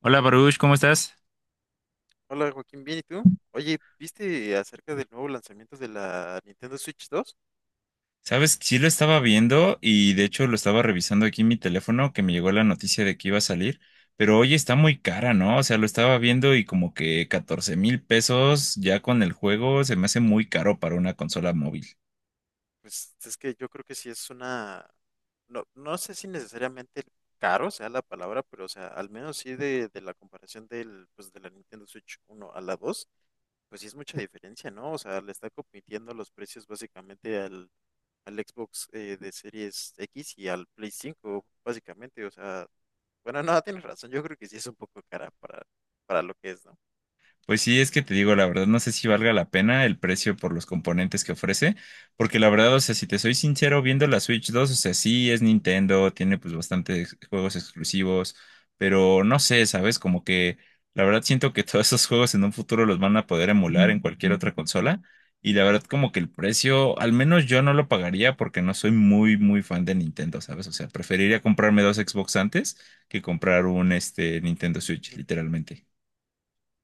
Hola Baruch, ¿cómo estás? Hola Joaquín, bien, ¿y tú? Oye, ¿viste acerca del nuevo lanzamiento de la Nintendo Switch dos? Sabes, sí lo estaba viendo y de hecho lo estaba revisando aquí en mi teléfono que me llegó la noticia de que iba a salir, pero hoy está muy cara, ¿no? O sea, lo estaba viendo y como que 14,000 pesos ya con el juego se me hace muy caro para una consola móvil. Pues es que yo creo que sí es una, no, no sé si necesariamente caro sea la palabra, pero o sea, al menos sí de la comparación del, pues, de la Nintendo Switch uno a la 2, pues sí es mucha diferencia, ¿no? O sea, le está compitiendo los precios básicamente al, al Xbox de Series X y al Play cinco, básicamente, o sea, bueno, no, tienes razón, yo creo que sí es un poco cara para lo que es, Pues sí, es que te digo, la verdad, no sé si valga la pena el precio por los componentes que ofrece, porque la verdad, o sea, si te soy sincero, viendo la Switch 2 o sea, sí es Nintendo, tiene pues bastantes juegos exclusivos, pero no sé, ¿sabes? Como que la verdad siento que todos esos juegos en un futuro los van a poder emular en cualquier otra consola, y la verdad como que el precio, al menos yo no lo pagaría porque no soy muy, muy fan de Nintendo, ¿sabes? O sea, preferiría comprarme dos Xbox antes que comprar un, este, Nintendo Switch, ¿no? literalmente.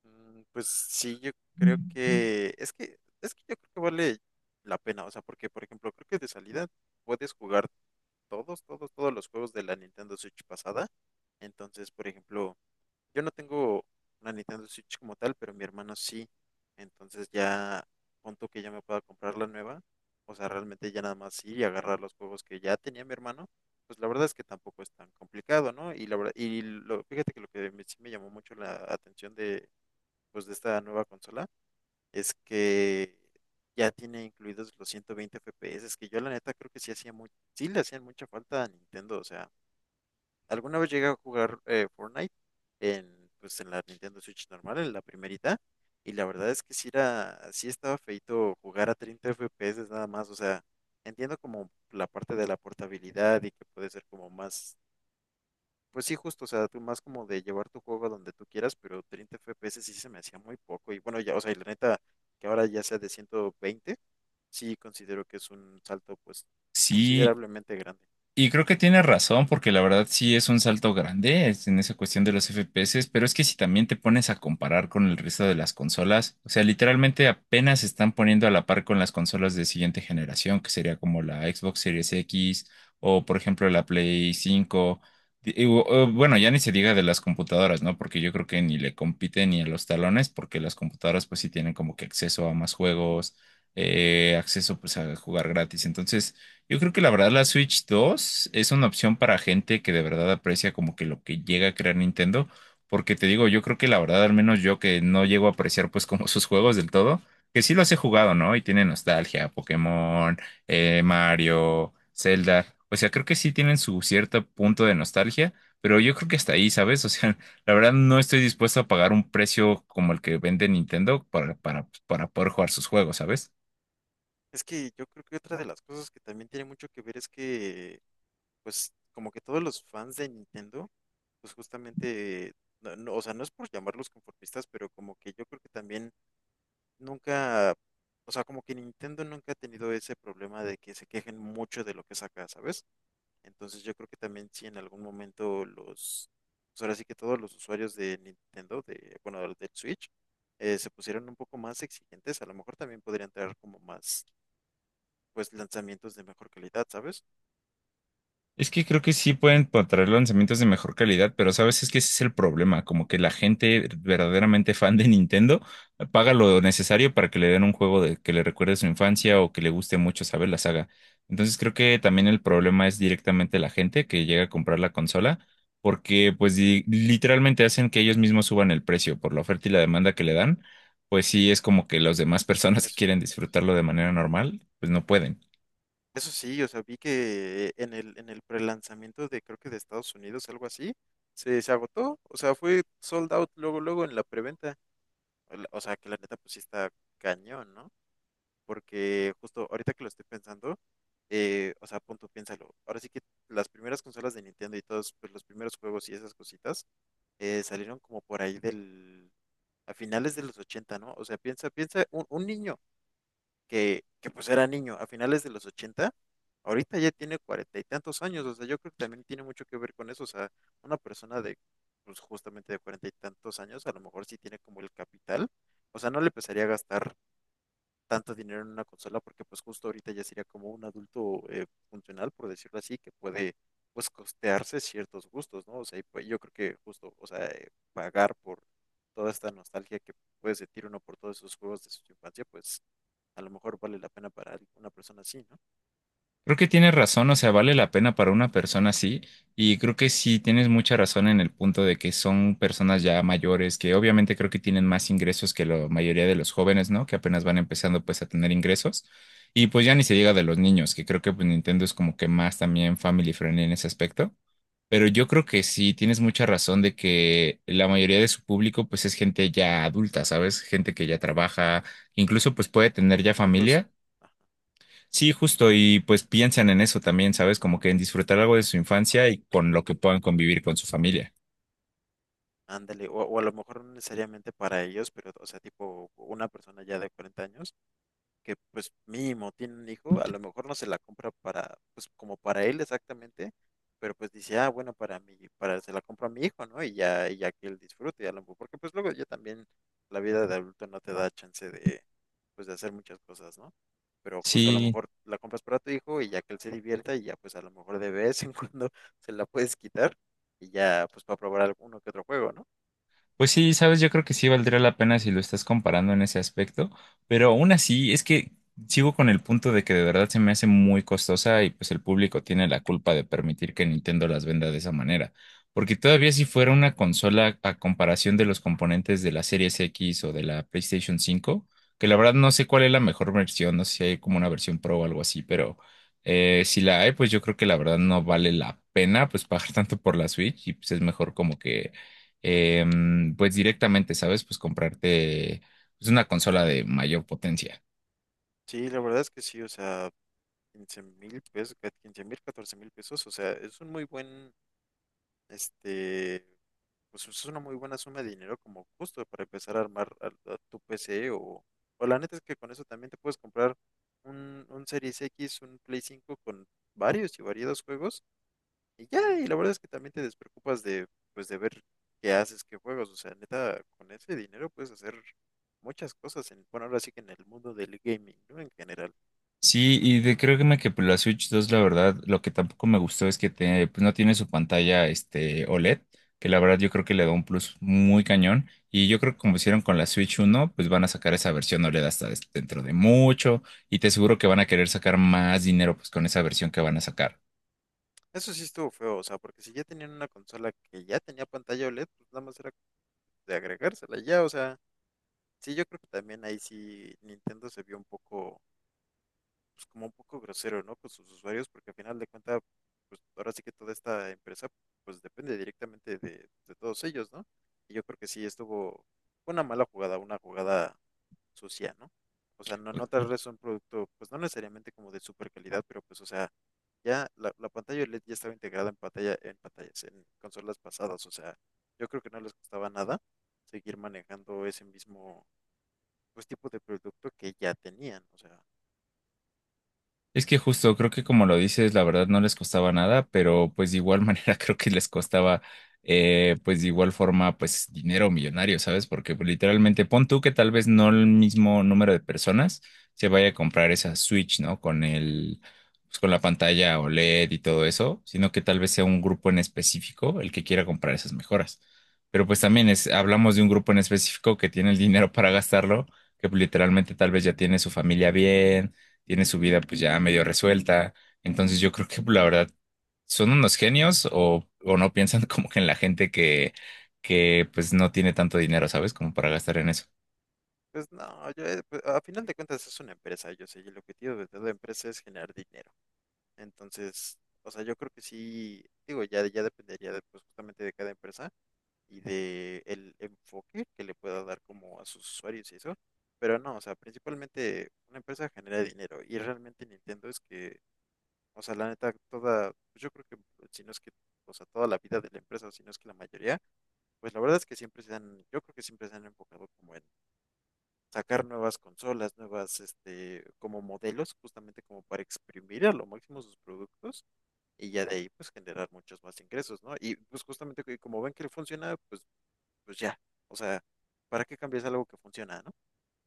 Mm, pues sí, yo creo que es que yo creo que vale la pena, o sea, porque por ejemplo, creo que de salida puedes jugar todos los juegos de la Nintendo Switch pasada. Entonces, por ejemplo, yo no tengo una Nintendo Switch como tal, pero mi hermano sí. Entonces ya punto que ya me pueda comprar la nueva, o sea, realmente ya nada más ir y agarrar los juegos que ya tenía mi hermano, pues la verdad es que tampoco es tan complicado, ¿no? Y la verdad, y lo, fíjate que lo que me, sí me llamó mucho la atención de pues de esta nueva consola es que ya tiene incluidos los 120 FPS, es que yo la neta creo que sí hacía muy, sí le hacían mucha falta a Nintendo, o sea, alguna vez llegué a jugar Fortnite en pues en la Nintendo Switch normal, en la primerita, y la verdad es que sí era, sí estaba feito jugar a 30 FPS nada más, o sea, entiendo como la parte de la portabilidad y que puede ser como más pues sí, justo, o sea, tú más como de llevar tu juego a donde tú quieras, pero 30 FPS sí se me hacía muy poco. Y bueno, ya, o sea, y la neta, que ahora ya sea de 120 sí considero que es un salto, pues, Sí, considerablemente grande. y creo que tiene razón, porque la verdad sí es un salto grande es en esa cuestión de los FPS, pero es que si también te pones a comparar con el resto de las consolas, o sea, literalmente apenas se están poniendo a la par con las consolas de siguiente generación, que sería como la Xbox Series X o, por ejemplo, la Play 5. Bueno, ya ni se diga de las computadoras, ¿no? Porque yo creo que ni le compiten ni a los talones, porque las computadoras pues sí tienen como que acceso a más juegos, acceso pues a jugar gratis. Entonces. Yo creo que la verdad la Switch 2 es una opción para gente que de verdad aprecia como que lo que llega a crear Nintendo, porque te digo, yo creo que la verdad, al menos yo que no llego a apreciar pues como sus juegos del todo, que sí los he jugado, ¿no? Y tiene nostalgia, Pokémon, Mario, Zelda, o sea, creo que sí tienen su cierto punto de nostalgia, pero yo creo que hasta ahí, ¿sabes? O sea, la verdad no estoy dispuesto a pagar un precio como el que vende Nintendo para, para poder jugar sus juegos, ¿sabes? Es que yo creo que otra de las cosas que también tiene mucho que ver es que, pues, como que todos los fans de Nintendo, pues justamente, no, o sea, no es por llamarlos conformistas, pero como que yo creo que también nunca, o sea, como que Nintendo nunca ha tenido ese problema de que se quejen mucho de lo que saca, ¿sabes? Entonces yo creo que también si en algún momento los, pues ahora sí que todos los usuarios de Nintendo, de, bueno, del Switch, se pusieran un poco más exigentes, a lo mejor también podrían traer como más, pues, lanzamientos de mejor calidad, ¿sabes? Es que creo que sí pueden traer lanzamientos de mejor calidad, pero sabes, es que ese es el problema, como que la gente verdaderamente fan de Nintendo paga lo necesario para que le den un juego de, que le recuerde su infancia o que le guste mucho, ¿sabes? La saga. Entonces creo que también el problema es directamente la gente que llega a comprar la consola, porque pues literalmente hacen que ellos mismos suban el precio por la oferta y la demanda que le dan, pues sí es como que las demás personas que Eso, quieren disfrutarlo de manera normal, pues no pueden. eso sí, o sea, vi que en el prelanzamiento de, creo que de Estados Unidos, algo así, se agotó, o sea, fue sold out luego, luego en la preventa, o la- o sea, que la neta pues sí está cañón, ¿no? Porque justo ahorita que lo estoy pensando, o sea, punto, piénsalo. Ahora sí que las primeras consolas de Nintendo y todos pues, los primeros juegos y esas cositas salieron como por ahí del, a finales de los ochenta, ¿no? O sea, piensa, piensa, un niño que pues era niño a finales de los 80 ahorita ya tiene cuarenta y tantos años, o sea, yo creo que también tiene mucho que ver con eso, o sea, una persona de, pues justamente de cuarenta y tantos años, a lo mejor sí tiene como el capital, o sea, no le empezaría a gastar tanto dinero en una consola porque pues justo ahorita ya sería como un adulto funcional, por decirlo así, que puede pues costearse ciertos gustos, ¿no? O sea, y pues yo creo que justo, o sea, pagar por toda esta nostalgia que puede sentir uno por todos esos juegos de su infancia, pues a lo mejor vale la pena para una persona así, ¿no? Creo que tienes razón, o sea, vale la pena para una persona así, y creo que sí tienes mucha razón en el punto de que son personas ya mayores, que obviamente creo que tienen más ingresos que la mayoría de los jóvenes, ¿no? Que apenas van empezando pues a tener ingresos, y pues ya ni se diga de los niños, que creo que pues Nintendo es como que más también family friendly en ese aspecto, pero yo creo que sí tienes mucha razón de que la mayoría de su público pues es gente ya adulta, ¿sabes? Gente que ya trabaja, incluso pues puede O tener ya con hijos, familia. ajá, Sí, justo, y pues piensan en eso también, ¿sabes? Como que en disfrutar algo de su infancia y con lo que puedan convivir con su familia. ándale, o a lo mejor no necesariamente para ellos, pero o sea, tipo una persona ya de 40 años que pues mínimo tiene un hijo, a lo mejor no se la compra para, pues como para él exactamente, pero pues dice, ah, bueno, para mí, para, se la compro a mi hijo, ¿no? Y ya que él disfrute, a lo mejor, porque pues luego ya también la vida de adulto no te da chance de, pues de hacer muchas cosas, ¿no? Pero justo a lo Sí. mejor la compras para tu hijo y ya que él se divierta y ya pues a lo mejor de vez en cuando se la puedes quitar y ya pues para probar alguno que otro juego, ¿no? Pues sí, sabes, yo creo que sí valdría la pena si lo estás comparando en ese aspecto, pero aún así es que sigo con el punto de que de verdad se me hace muy costosa y pues el público tiene la culpa de permitir que Nintendo las venda de esa manera, porque todavía si fuera una consola a comparación de los componentes de la Series X o de la PlayStation 5, que la verdad no sé cuál es la mejor versión, no sé si hay como una versión Pro o algo así, pero si la hay, pues yo creo que la verdad no vale la pena pues pagar tanto por la Switch y pues es mejor como que pues directamente, ¿sabes? Pues comprarte pues, una consola de mayor potencia. Sí, la verdad es que sí, o sea, 15,000 pesos, 15,000, 14,000 pesos, o sea, es un muy buen, este, pues es una muy buena suma de dinero como justo para empezar a armar a tu PC o la neta es que con eso también te puedes comprar un Series X, un Play cinco con varios y variados juegos y ya, y la verdad es que también te despreocupas de, pues de ver qué haces, qué juegos, o sea, neta, con ese dinero puedes hacer muchas cosas en, bueno, ahora sí que en el mundo del gaming, ¿no? En general. Sí, y de, creo que me que pues, la Switch dos la verdad, lo que tampoco me gustó es que pues, no tiene su pantalla este, OLED, que la verdad yo creo que le da un plus muy cañón. Y yo creo que como hicieron con la Switch uno pues van a sacar esa versión OLED hasta dentro de mucho. Y te aseguro que van a querer sacar más dinero pues con esa versión que van a sacar. Eso sí estuvo feo, o sea, porque si ya tenían una consola que ya tenía pantalla OLED, pues nada más era de agregársela ya, o sea, sí, yo creo que también ahí sí Nintendo se vio un poco, pues como un poco grosero, ¿no? Con sus usuarios, porque al final de cuentas, pues ahora sí que toda esta empresa, pues depende directamente de todos ellos, ¿no? Y yo creo que sí estuvo, fue una mala jugada, una jugada sucia, ¿no? O sea, no, no tal vez un producto, pues no necesariamente como de super calidad, pero pues, o sea, ya la pantalla LED ya estaba integrada en pantalla, en pantallas, en consolas pasadas, o sea, yo creo que no les costaba nada seguir manejando ese mismo, pues, tipo de producto que ya tenían, o sea, Es que justo creo que como lo dices, la verdad no les costaba nada, pero pues de igual manera creo que les costaba pues de igual forma pues dinero millonario, ¿sabes? Porque pues, literalmente pon tú que tal vez no el mismo número de personas se vaya a comprar esa Switch, ¿no? Con el pues con la pantalla OLED y todo eso, sino que tal vez sea un grupo en específico el que quiera comprar esas mejoras. Pero pues también es, hablamos de un grupo en específico que tiene el dinero para gastarlo, que pues, literalmente tal vez ya tiene su familia bien tiene su vida pues ya medio resuelta. Entonces yo creo que pues, la verdad son unos genios o no piensan como que en la gente que pues no tiene tanto dinero, ¿sabes? Como para gastar en eso. pues no, yo, pues, a final de cuentas es una empresa, yo sé, y el objetivo de toda empresa es generar dinero, entonces, o sea, yo creo que sí, digo, ya, ya dependería de, pues, justamente de cada empresa, y de el enfoque que le pueda dar como a sus usuarios y eso. Pero no, o sea, principalmente una empresa genera dinero y realmente Nintendo es que, o sea, la neta, toda, pues yo creo que si no es que, o sea, toda la vida de la empresa, o si no es que la mayoría, pues la verdad es que siempre se han, yo creo que siempre se han enfocado como en sacar nuevas consolas, nuevas, este, como modelos, justamente como para exprimir a lo máximo sus productos y ya de ahí pues generar muchos más ingresos, ¿no? Y pues justamente que como ven que funciona, pues pues ya, o sea, ¿para qué cambias algo que funciona, no?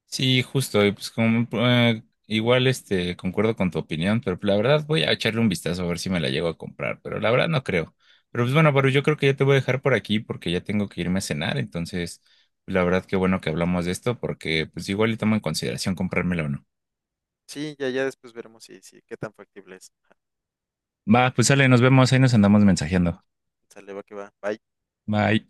Sí, justo, y pues como igual este concuerdo con tu opinión, pero pues, la verdad voy a echarle un vistazo a ver si me la llego a comprar, pero la verdad no creo. Pero pues bueno, pero yo creo que ya te voy a dejar por aquí porque ya tengo que irme a cenar, entonces la verdad qué bueno que hablamos de esto porque pues igual y tomo en consideración comprármela o no. Sí, ya, ya después veremos si, si, qué tan factible es. Ajá. Va, pues sale, nos vemos, ahí nos andamos mensajeando. Sale, va que va. Bye. Bye.